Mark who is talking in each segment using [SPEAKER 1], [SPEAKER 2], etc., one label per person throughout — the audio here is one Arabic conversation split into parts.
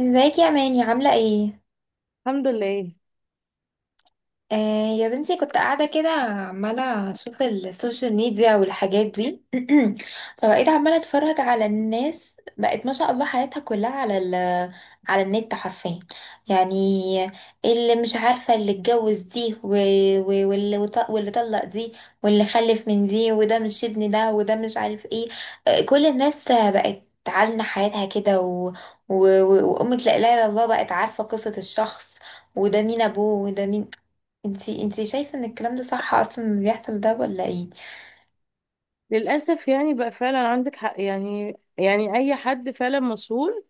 [SPEAKER 1] ازيك يا ماني؟ عاملة ايه؟
[SPEAKER 2] الحمد لله.
[SPEAKER 1] آه، يا بنتي كنت قاعدة كده، عمالة أشوف السوشيال ميديا والحاجات دي. فبقيت عمالة أتفرج على الناس، بقت ما شاء الله حياتها كلها على النت حرفيا، يعني. اللي مش عارفة اللي اتجوز دي، واللي طلق دي، واللي خلف من دي، وده مش ابن ده، وده مش عارف ايه. كل الناس بقت تعلن حياتها كده، و... وأمة لا إله إلا الله بقت عارفة قصة الشخص، وده مين ابوه وده مين. انتي شايفة ان الكلام ده صح اصلا اللي بيحصل ده ولا ايه؟
[SPEAKER 2] للأسف يعني بقى فعلا عندك حق، يعني أي حد فعلا مسؤول.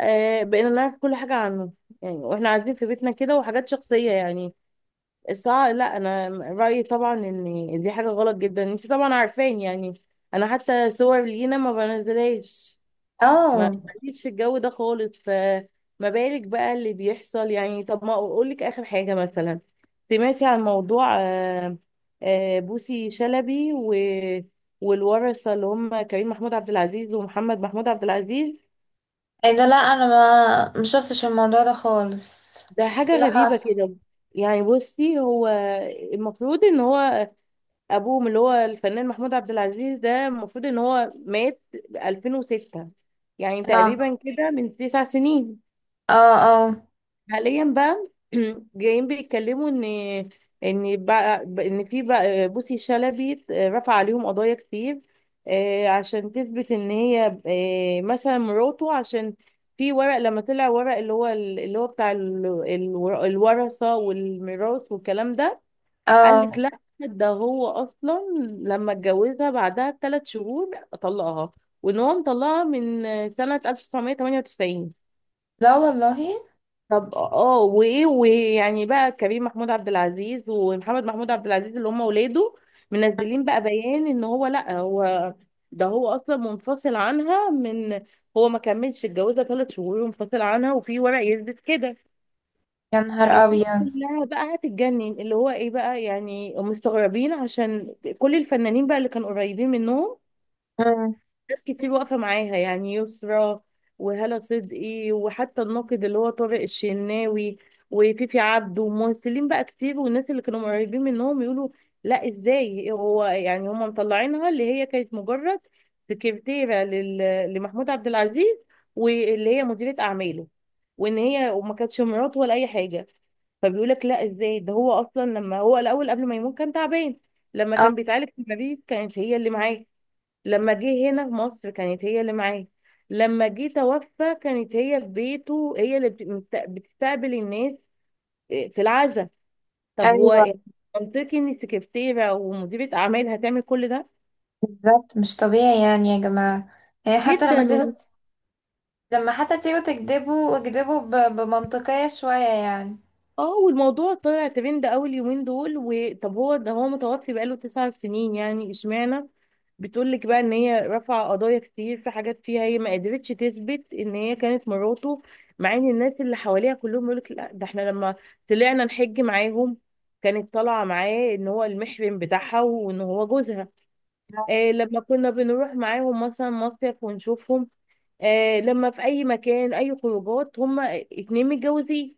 [SPEAKER 2] آه، بقينا نعرف كل حاجة عنه، يعني واحنا قاعدين في بيتنا كده، وحاجات شخصية يعني. الساعة لا، أنا رأيي طبعا إن دي حاجة غلط جدا، انت طبعا عارفين يعني. أنا حتى صور لينا ما بنزلهاش. ما
[SPEAKER 1] اه،
[SPEAKER 2] ماليش في الجو ده خالص، فما بالك بقى اللي بيحصل يعني. طب ما اقول لك اخر حاجه، مثلا سمعتي عن موضوع بوسي شلبي و والورثه، اللي هم كريم محمود عبد العزيز ومحمد محمود عبد العزيز؟
[SPEAKER 1] ايه ده؟ لا، انا ما مشفتش الموضوع ده خالص.
[SPEAKER 2] ده
[SPEAKER 1] ايه
[SPEAKER 2] حاجه
[SPEAKER 1] اللي
[SPEAKER 2] غريبه
[SPEAKER 1] حصل؟
[SPEAKER 2] كده. يعني بصي، هو المفروض ان هو ابوهم، اللي هو الفنان محمود عبد العزيز، ده المفروض ان هو مات 2006، يعني
[SPEAKER 1] اه،
[SPEAKER 2] تقريبا كده من 9 سنين.
[SPEAKER 1] اه، اه،
[SPEAKER 2] حاليا بقى جايين بيتكلموا ان ان بقى ان في بقى بوسي شلبي رفع عليهم قضايا كتير، عشان تثبت ان هي مثلا مراته، عشان في ورق. لما طلع ورق اللي هو بتاع الورثة والميراث والكلام ده، قال لك
[SPEAKER 1] اه،
[SPEAKER 2] لا، ده هو اصلا لما اتجوزها بعدها ب3 شهور طلقها، وان هو مطلقها من سنة 1998.
[SPEAKER 1] لا والله.
[SPEAKER 2] طب اه وايه، ويعني بقى كريم محمود عبد العزيز ومحمد محمود عبد العزيز، اللي هم ولاده، منزلين بقى بيان ان هو لا، هو ده هو اصلا منفصل عنها، من، هو ما كملش اتجوزها 3 شهور ومنفصل عنها، وفي ورق يثبت كده.
[SPEAKER 1] يا نهار
[SPEAKER 2] الناس
[SPEAKER 1] ابيض.
[SPEAKER 2] كلها بقى هتتجنن، اللي هو ايه بقى يعني، مستغربين، عشان كل الفنانين بقى اللي كانوا قريبين منهم.
[SPEAKER 1] مم.
[SPEAKER 2] ناس كتير واقفة معاها، يعني يسرا وهالة صدقي، وحتى الناقد اللي هو طارق الشناوي وفيفي عبده وممثلين بقى كتير، والناس اللي كانوا قريبين منهم يقولوا لا، ازاي؟ هو يعني هم مطلعينها اللي هي كانت مجرد سكرتيرة لمحمود عبد العزيز، واللي هي مديرة أعماله، وإن هي وما كانتش مراته ولا أي حاجة. فبيقول لك لا، ازاي؟ ده هو اصلا لما هو الاول قبل ما يموت كان تعبان، لما
[SPEAKER 1] اه،
[SPEAKER 2] كان بيتعالج في المريض كانت هي اللي معاه، لما جه هنا مصر كانت هي اللي معاه، لما جه توفى كانت هي في بيته، هي اللي بتستقبل الناس في العزاء. طب هو
[SPEAKER 1] ايوه،
[SPEAKER 2] إيه؟ منطقي ان السكرتيره ومديره اعمال هتعمل كل ده؟
[SPEAKER 1] بالظبط مش طبيعي يعني يا جماعة. يعني حتى
[SPEAKER 2] جدا.
[SPEAKER 1] لما تيجوا، لما حتى تيجوا اكذبوا بمنطقية شوية يعني.
[SPEAKER 2] اه والموضوع طلع ترند اول يومين دول، وطب هو ده هو متوفي بقاله 9 سنين، يعني اشمعنى؟ بتقول لك بقى ان هي رفع قضايا كتير، في حاجات فيها هي ما قدرتش تثبت ان هي كانت مراته، مع ان الناس اللي حواليها كلهم يقول لك لا، ده احنا لما طلعنا نحج معاهم كانت طالعه معاه ان هو المحرم بتاعها وان هو جوزها، آه لما كنا بنروح معاهم مثلا مصيف ونشوفهم، آه لما في اي مكان اي خروجات هما اتنين متجوزين،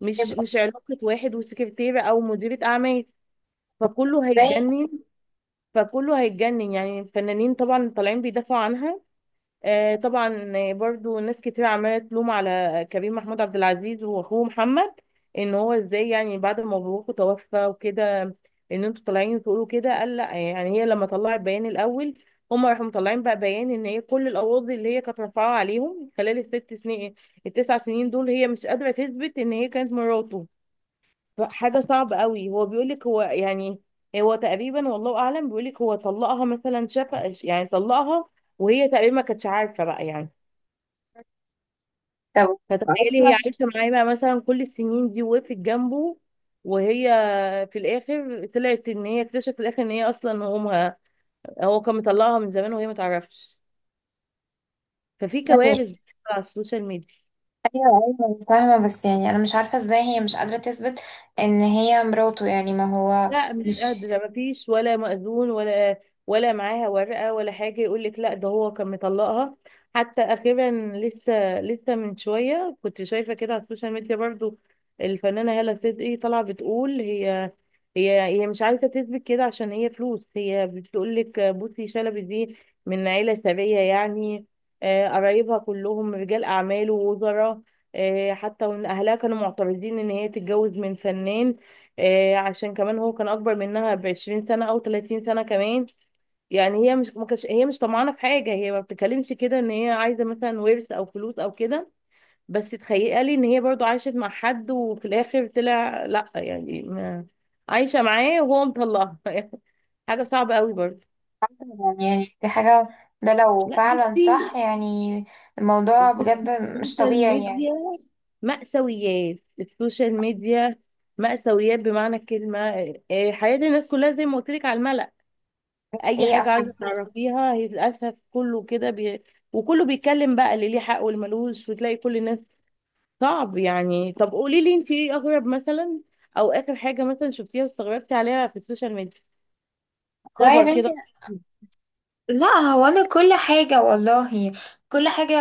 [SPEAKER 2] مش
[SPEAKER 1] يبقى
[SPEAKER 2] مش علاقة واحد وسكرتيرة أو مديرة أعمال. فكله
[SPEAKER 1] ازاي؟
[SPEAKER 2] هيتجنن. فكله هيتجنن، يعني الفنانين طبعا طالعين بيدافعوا عنها. آه طبعا آه، برضو ناس كتير عمالة تلوم على كريم محمود عبد العزيز وأخوه محمد، إن هو إزاي يعني بعد ما مبروكه توفى وكده، إن أنتوا طالعين تقولوا كده؟ قال لأ، يعني هي لما طلعت بيان الأول، هما راحوا مطلعين بقى بيان إن هي كل القواضي اللي هي كانت رافعاها عليهم خلال ال6 سنين، ال9 سنين دول، هي مش قادرة تثبت إن هي كانت مراته. حاجة صعبة قوي. هو بيقولك هو يعني هو تقريبا والله أعلم بيقولك هو طلقها مثلا، شاف يعني طلقها، وهي تقريبا ما كانتش عارفة بقى يعني.
[SPEAKER 1] طب
[SPEAKER 2] فتخيلي هي
[SPEAKER 1] اصلا،
[SPEAKER 2] عايشة معاه بقى مثلا كل السنين دي، وقفت جنبه، وهي في الآخر طلعت إن هي اكتشفت في الآخر إن هي أصلا أمها، هو كان مطلقها من زمان وهي ما تعرفش. ففي كوارث بتحصل على السوشيال ميديا.
[SPEAKER 1] ايوه، ايوه، فاهمه، بس يعني انا مش عارفه ازاي هي مش قادره تثبت ان هي مراته، يعني ما هو
[SPEAKER 2] لا مش
[SPEAKER 1] مش،
[SPEAKER 2] قادرة، مفيش ولا مأذون ولا، ولا معاها ورقة ولا حاجة. يقول لك لا، ده هو كان مطلقها. حتى أخيرا، لسه من شوية كنت شايفة كده على السوشيال ميديا برضو، الفنانة هالة صدقي طالعة بتقول، هي مش عايزة تثبت كده عشان هي فلوس. هي بتقول لك بصي شلبي دي من عيلة ثرية يعني. قرايبها كلهم رجال أعمال ووزراء. حتى وإن أهلها كانوا معترضين إن هي تتجوز من فنان، عشان كمان هو كان اكبر منها ب20 سنة او 30 سنة كمان. يعني هي مش طمعانة في حاجة، هي ما بتتكلمش كده ان هي عايزة مثلا ورث او فلوس او كده. بس تخيلي ان هي برضو عاشت مع حد وفي الاخر طلع لا، يعني ما، عايشة معاه وهو مطلقها حاجة صعبة قوي برضو.
[SPEAKER 1] يعني دي حاجه، ده لو
[SPEAKER 2] لا
[SPEAKER 1] فعلا
[SPEAKER 2] بصي،
[SPEAKER 1] صح يعني، الموضوع بجد مش
[SPEAKER 2] السوشيال
[SPEAKER 1] طبيعي يعني.
[SPEAKER 2] ميديا، مأساويات السوشيال ميديا، مأساويات بمعنى الكلمة. حياة الناس كلها زي ما قلت لك على الملأ. اي
[SPEAKER 1] حقيقه
[SPEAKER 2] حاجه
[SPEAKER 1] فعلا.
[SPEAKER 2] عايزه تعرفيها، هي للاسف كله كده وكله بيتكلم بقى، اللي ليه حق واللي ملوش، وتلاقي كل الناس. صعب يعني. طب قولي لي انت ايه اغرب مثلا، او اخر حاجه مثلا شفتيها واستغربتي عليها في السوشيال ميديا،
[SPEAKER 1] لا يا
[SPEAKER 2] خبر
[SPEAKER 1] بنتي،
[SPEAKER 2] كده؟
[SPEAKER 1] لا هو انا كل حاجه والله، كل حاجه،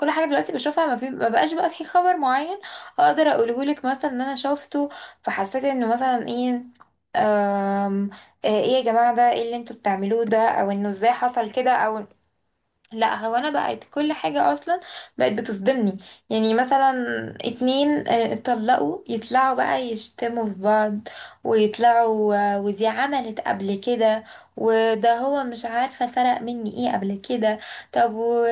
[SPEAKER 1] كل حاجه دلوقتي بشوفها، ما, في ما بقاش بقى في خبر معين اقدر اقوله لك مثلا ان انا شفته فحسيت انه مثلا ايه، أم، ايه يا جماعه ده ايه اللي انتوا بتعملوه ده، او انه ازاي حصل كده، او، لا هو انا بقت كل حاجة اصلا بقت بتصدمني. يعني مثلا اتنين اتطلقوا، يطلعوا بقى يشتموا في بعض، ويطلعوا ودي عملت قبل كده، وده هو مش عارفة سرق مني ايه قبل كده. طب و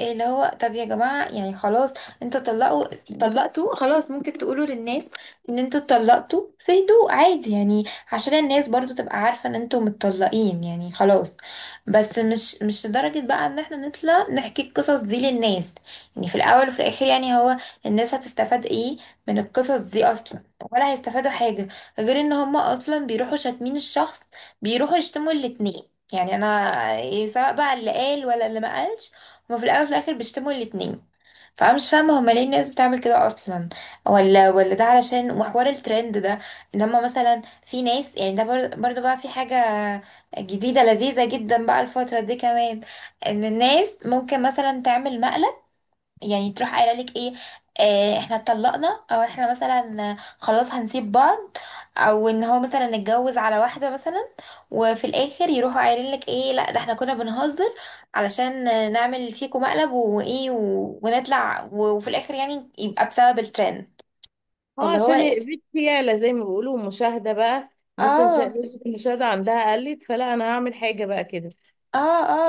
[SPEAKER 1] اللي هو طب يا جماعة يعني خلاص، انتوا طلقتوا خلاص، ممكن تقولوا للناس ان انتوا اتطلقتوا في هدوء عادي يعني، عشان الناس برضو تبقى عارفة ان انتوا متطلقين يعني خلاص. بس مش لدرجة بقى ان احنا نطلع نحكي القصص دي للناس يعني. في الاول وفي الاخر يعني هو الناس هتستفاد ايه من القصص دي اصلا؟ ولا هيستفادوا حاجة غير ان هما اصلا بيروحوا شاتمين الشخص، بيروحوا يشتموا الاتنين. يعني انا إيه، سواء بقى اللي قال ولا اللي ما قالش، هما في الاول وفي الاخر بيشتموا الاتنين. فانا مش فاهمه هما ليه الناس بتعمل كده اصلا؟ ولا ده علشان وحوار الترند ده، ان هما مثلا في ناس يعني، ده برضه بقى في حاجه جديده لذيذه جدا بقى الفتره دي كمان، ان الناس ممكن مثلا تعمل مقلب، يعني تروح قايله لك ايه، احنا اتطلقنا، او احنا مثلا خلاص هنسيب بعض، او ان هو مثلا اتجوز على واحده مثلا، وفي الاخر يروحوا قايلين لك ايه، لا ده احنا كنا بنهزر علشان نعمل فيكم مقلب وايه ونطلع، وفي الاخر يعني يبقى بسبب الترند.
[SPEAKER 2] اه،
[SPEAKER 1] فاللي هو
[SPEAKER 2] عشان
[SPEAKER 1] أيوة.
[SPEAKER 2] بنتي يعلى زي ما بيقولوا مشاهده بقى، مثلا
[SPEAKER 1] اه،
[SPEAKER 2] نسبة المشاهده عندها قلت، فلا انا هعمل حاجه بقى كده.
[SPEAKER 1] اه،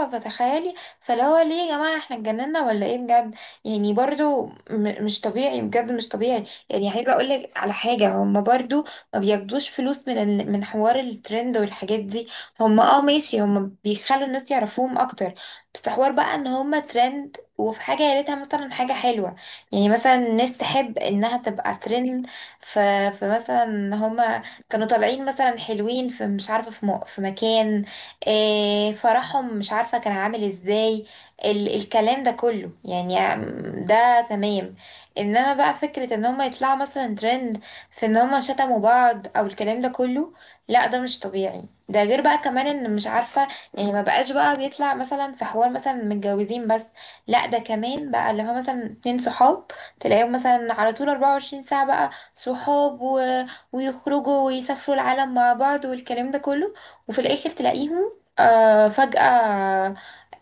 [SPEAKER 1] اه، فتخيلي، فاللي هو ليه يا جماعة احنا اتجننا ولا ايه بجد؟ يعني برضو مش طبيعي بجد، مش طبيعي. يعني عايزة اقولك على حاجة، هم برضو ما بياخدوش فلوس من حوار الترند والحاجات دي. هم اه ماشي، هم بيخلوا الناس يعرفوهم اكتر، بس حوار بقى ان هم ترند، وفي حاجة يا ريتها مثلا حاجة حلوة، يعني مثلا الناس تحب انها تبقى ترند. ف... فمثلا هما كانوا طالعين مثلا حلوين في مش عارفة، في مكان، فرحهم مش عارفة كان عامل ازاي، الكلام ده كله يعني، ده تمام. انما بقى فكرة ان هما يطلعوا مثلا ترند في ان هما شتموا بعض او الكلام ده كله، لا ده مش طبيعي. ده غير بقى كمان ان مش عارفة، يعني ما بقاش بقى بيطلع مثلا في حوار مثلا متجوزين بس، لا ده كمان بقى اللي هو مثلا اتنين صحاب تلاقيهم مثلا على طول 24 ساعة بقى صحاب ويخرجوا ويسافروا العالم مع بعض والكلام ده كله، وفي الاخر تلاقيهم فجأة آه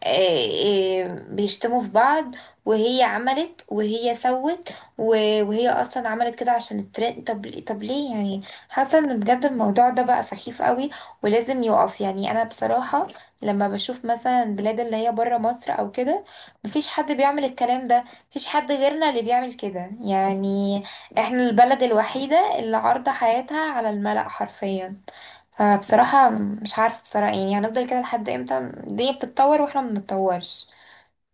[SPEAKER 1] آه بيشتموا في بعض، وهي عملت وهي سوت، وهي أصلا عملت كده عشان الترند. طب ليه يعني؟ حاسة إن بجد الموضوع ده بقى سخيف قوي ولازم يقف يعني. أنا بصراحة لما بشوف مثلا البلاد اللي هي برا مصر أو كده، مفيش حد بيعمل الكلام ده، مفيش حد غيرنا اللي بيعمل كده يعني. احنا البلد الوحيدة اللي عارضة حياتها على الملأ حرفيا. فبصراحة مش عارفة بصراحة يعني، هنفضل كده لحد امتى؟ الدنيا بتتطور واحنا ما بنتطورش.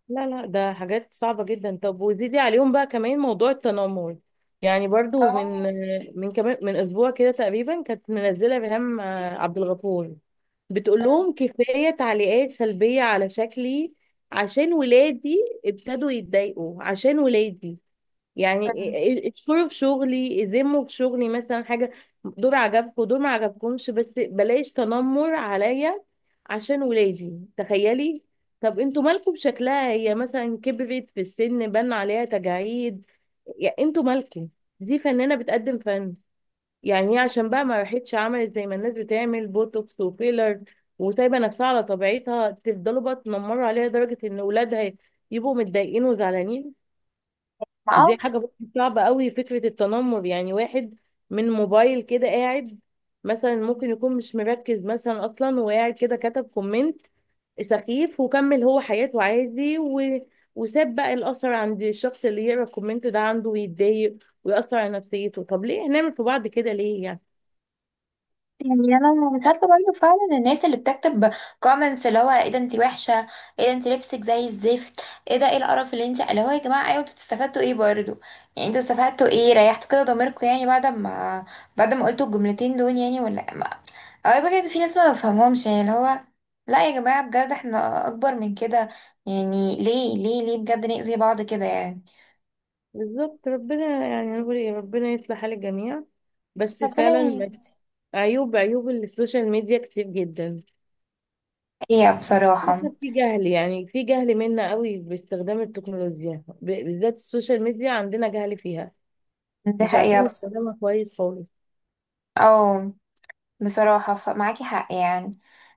[SPEAKER 2] لا لا، ده حاجات صعبة جدا. طب وزيدي عليهم بقى كمان موضوع التنمر. يعني برضو من،
[SPEAKER 1] اه.
[SPEAKER 2] من كمان اسبوع كده تقريبا، كانت منزلة ريهام عبد الغفور بتقول
[SPEAKER 1] مم.
[SPEAKER 2] لهم كفاية تعليقات سلبية على شكلي، عشان ولادي ابتدوا يتضايقوا، عشان ولادي يعني
[SPEAKER 1] مم.
[SPEAKER 2] ادخلوا في شغلي، يذموا في شغلي، مثلا حاجة دول عجبكم دول ما عجبكمش، بس بلاش تنمر عليا عشان ولادي. تخيلي! طب انتوا مالكم بشكلها؟ هي مثلا كبرت في السن بان عليها تجاعيد، يعني انتوا مالكم؟ دي فنانة بتقدم فن. يعني هي عشان بقى ما راحتش عملت زي ما الناس بتعمل بوتوكس وفيلر، وسايبة نفسها على طبيعتها، تفضلوا بقى تنمروا عليها لدرجة ان ولادها يبقوا متضايقين وزعلانين.
[SPEAKER 1] ما اه.
[SPEAKER 2] دي حاجة برضه صعبة قوي، فكرة التنمر. يعني واحد من موبايل كده قاعد، مثلا ممكن يكون مش مركز مثلا أصلا، وقاعد كده كتب كومنت سخيف، وكمل هو حياته عادي، و... وساب بقى الأثر عند الشخص اللي يقرأ الكومنت ده عنده ويتضايق ويأثر على نفسيته. طب ليه نعمل في بعض كده؟ ليه يعني؟
[SPEAKER 1] يعني انا مش عارفه برضه فعلا الناس اللي بتكتب كومنتس، اللي هو ايه ده انت وحشه، ايه ده انت لبسك زي الزفت، ايه ده ايه القرف اللي انت، اللي هو يا جماعه، ايوه انتوا استفدتوا ايه برضه؟ يعني انتوا استفدتوا ايه؟ ريحتوا كده ضميركم يعني، بعد ما قلتوا الجملتين دول يعني، ولا ما، او بجد في ناس ما بفهمهمش يعني، اللي هو لا يا جماعه بجد احنا اكبر من كده. يعني ليه، ليه، ليه بجد نأذي بعض كده يعني؟
[SPEAKER 2] بالظبط. ربنا يعني نقول إيه، ربنا يصلح حال الجميع. بس
[SPEAKER 1] ربنا
[SPEAKER 2] فعلا عيوب السوشيال ميديا كتير جدا.
[SPEAKER 1] يهديها بصراحه.
[SPEAKER 2] للأسف في جهل، منا قوي باستخدام التكنولوجيا، بالذات السوشيال ميديا، عندنا جهل فيها.
[SPEAKER 1] دي
[SPEAKER 2] مش
[SPEAKER 1] حقيقه
[SPEAKER 2] عارفين
[SPEAKER 1] بصراحه.
[SPEAKER 2] نستخدمها كويس خالص.
[SPEAKER 1] اه بصراحة، معاكي حق يعني.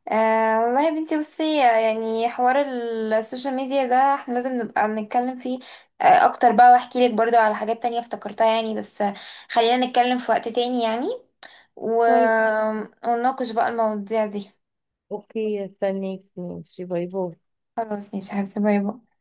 [SPEAKER 1] آه والله يا بنتي بصي، يعني حوار السوشيال ميديا ده احنا لازم نبقى بنتكلم فيه اكتر بقى، واحكي لك برضو على حاجات تانية افتكرتها يعني، بس خلينا نتكلم في وقت تاني يعني، و...
[SPEAKER 2] طيب.
[SPEAKER 1] ونناقش بقى المواضيع دي.
[SPEAKER 2] اوكي، استنيك، ماشي، باي باي.
[SPEAKER 1] خلاص ماشي يا حبيبتي. باي باي.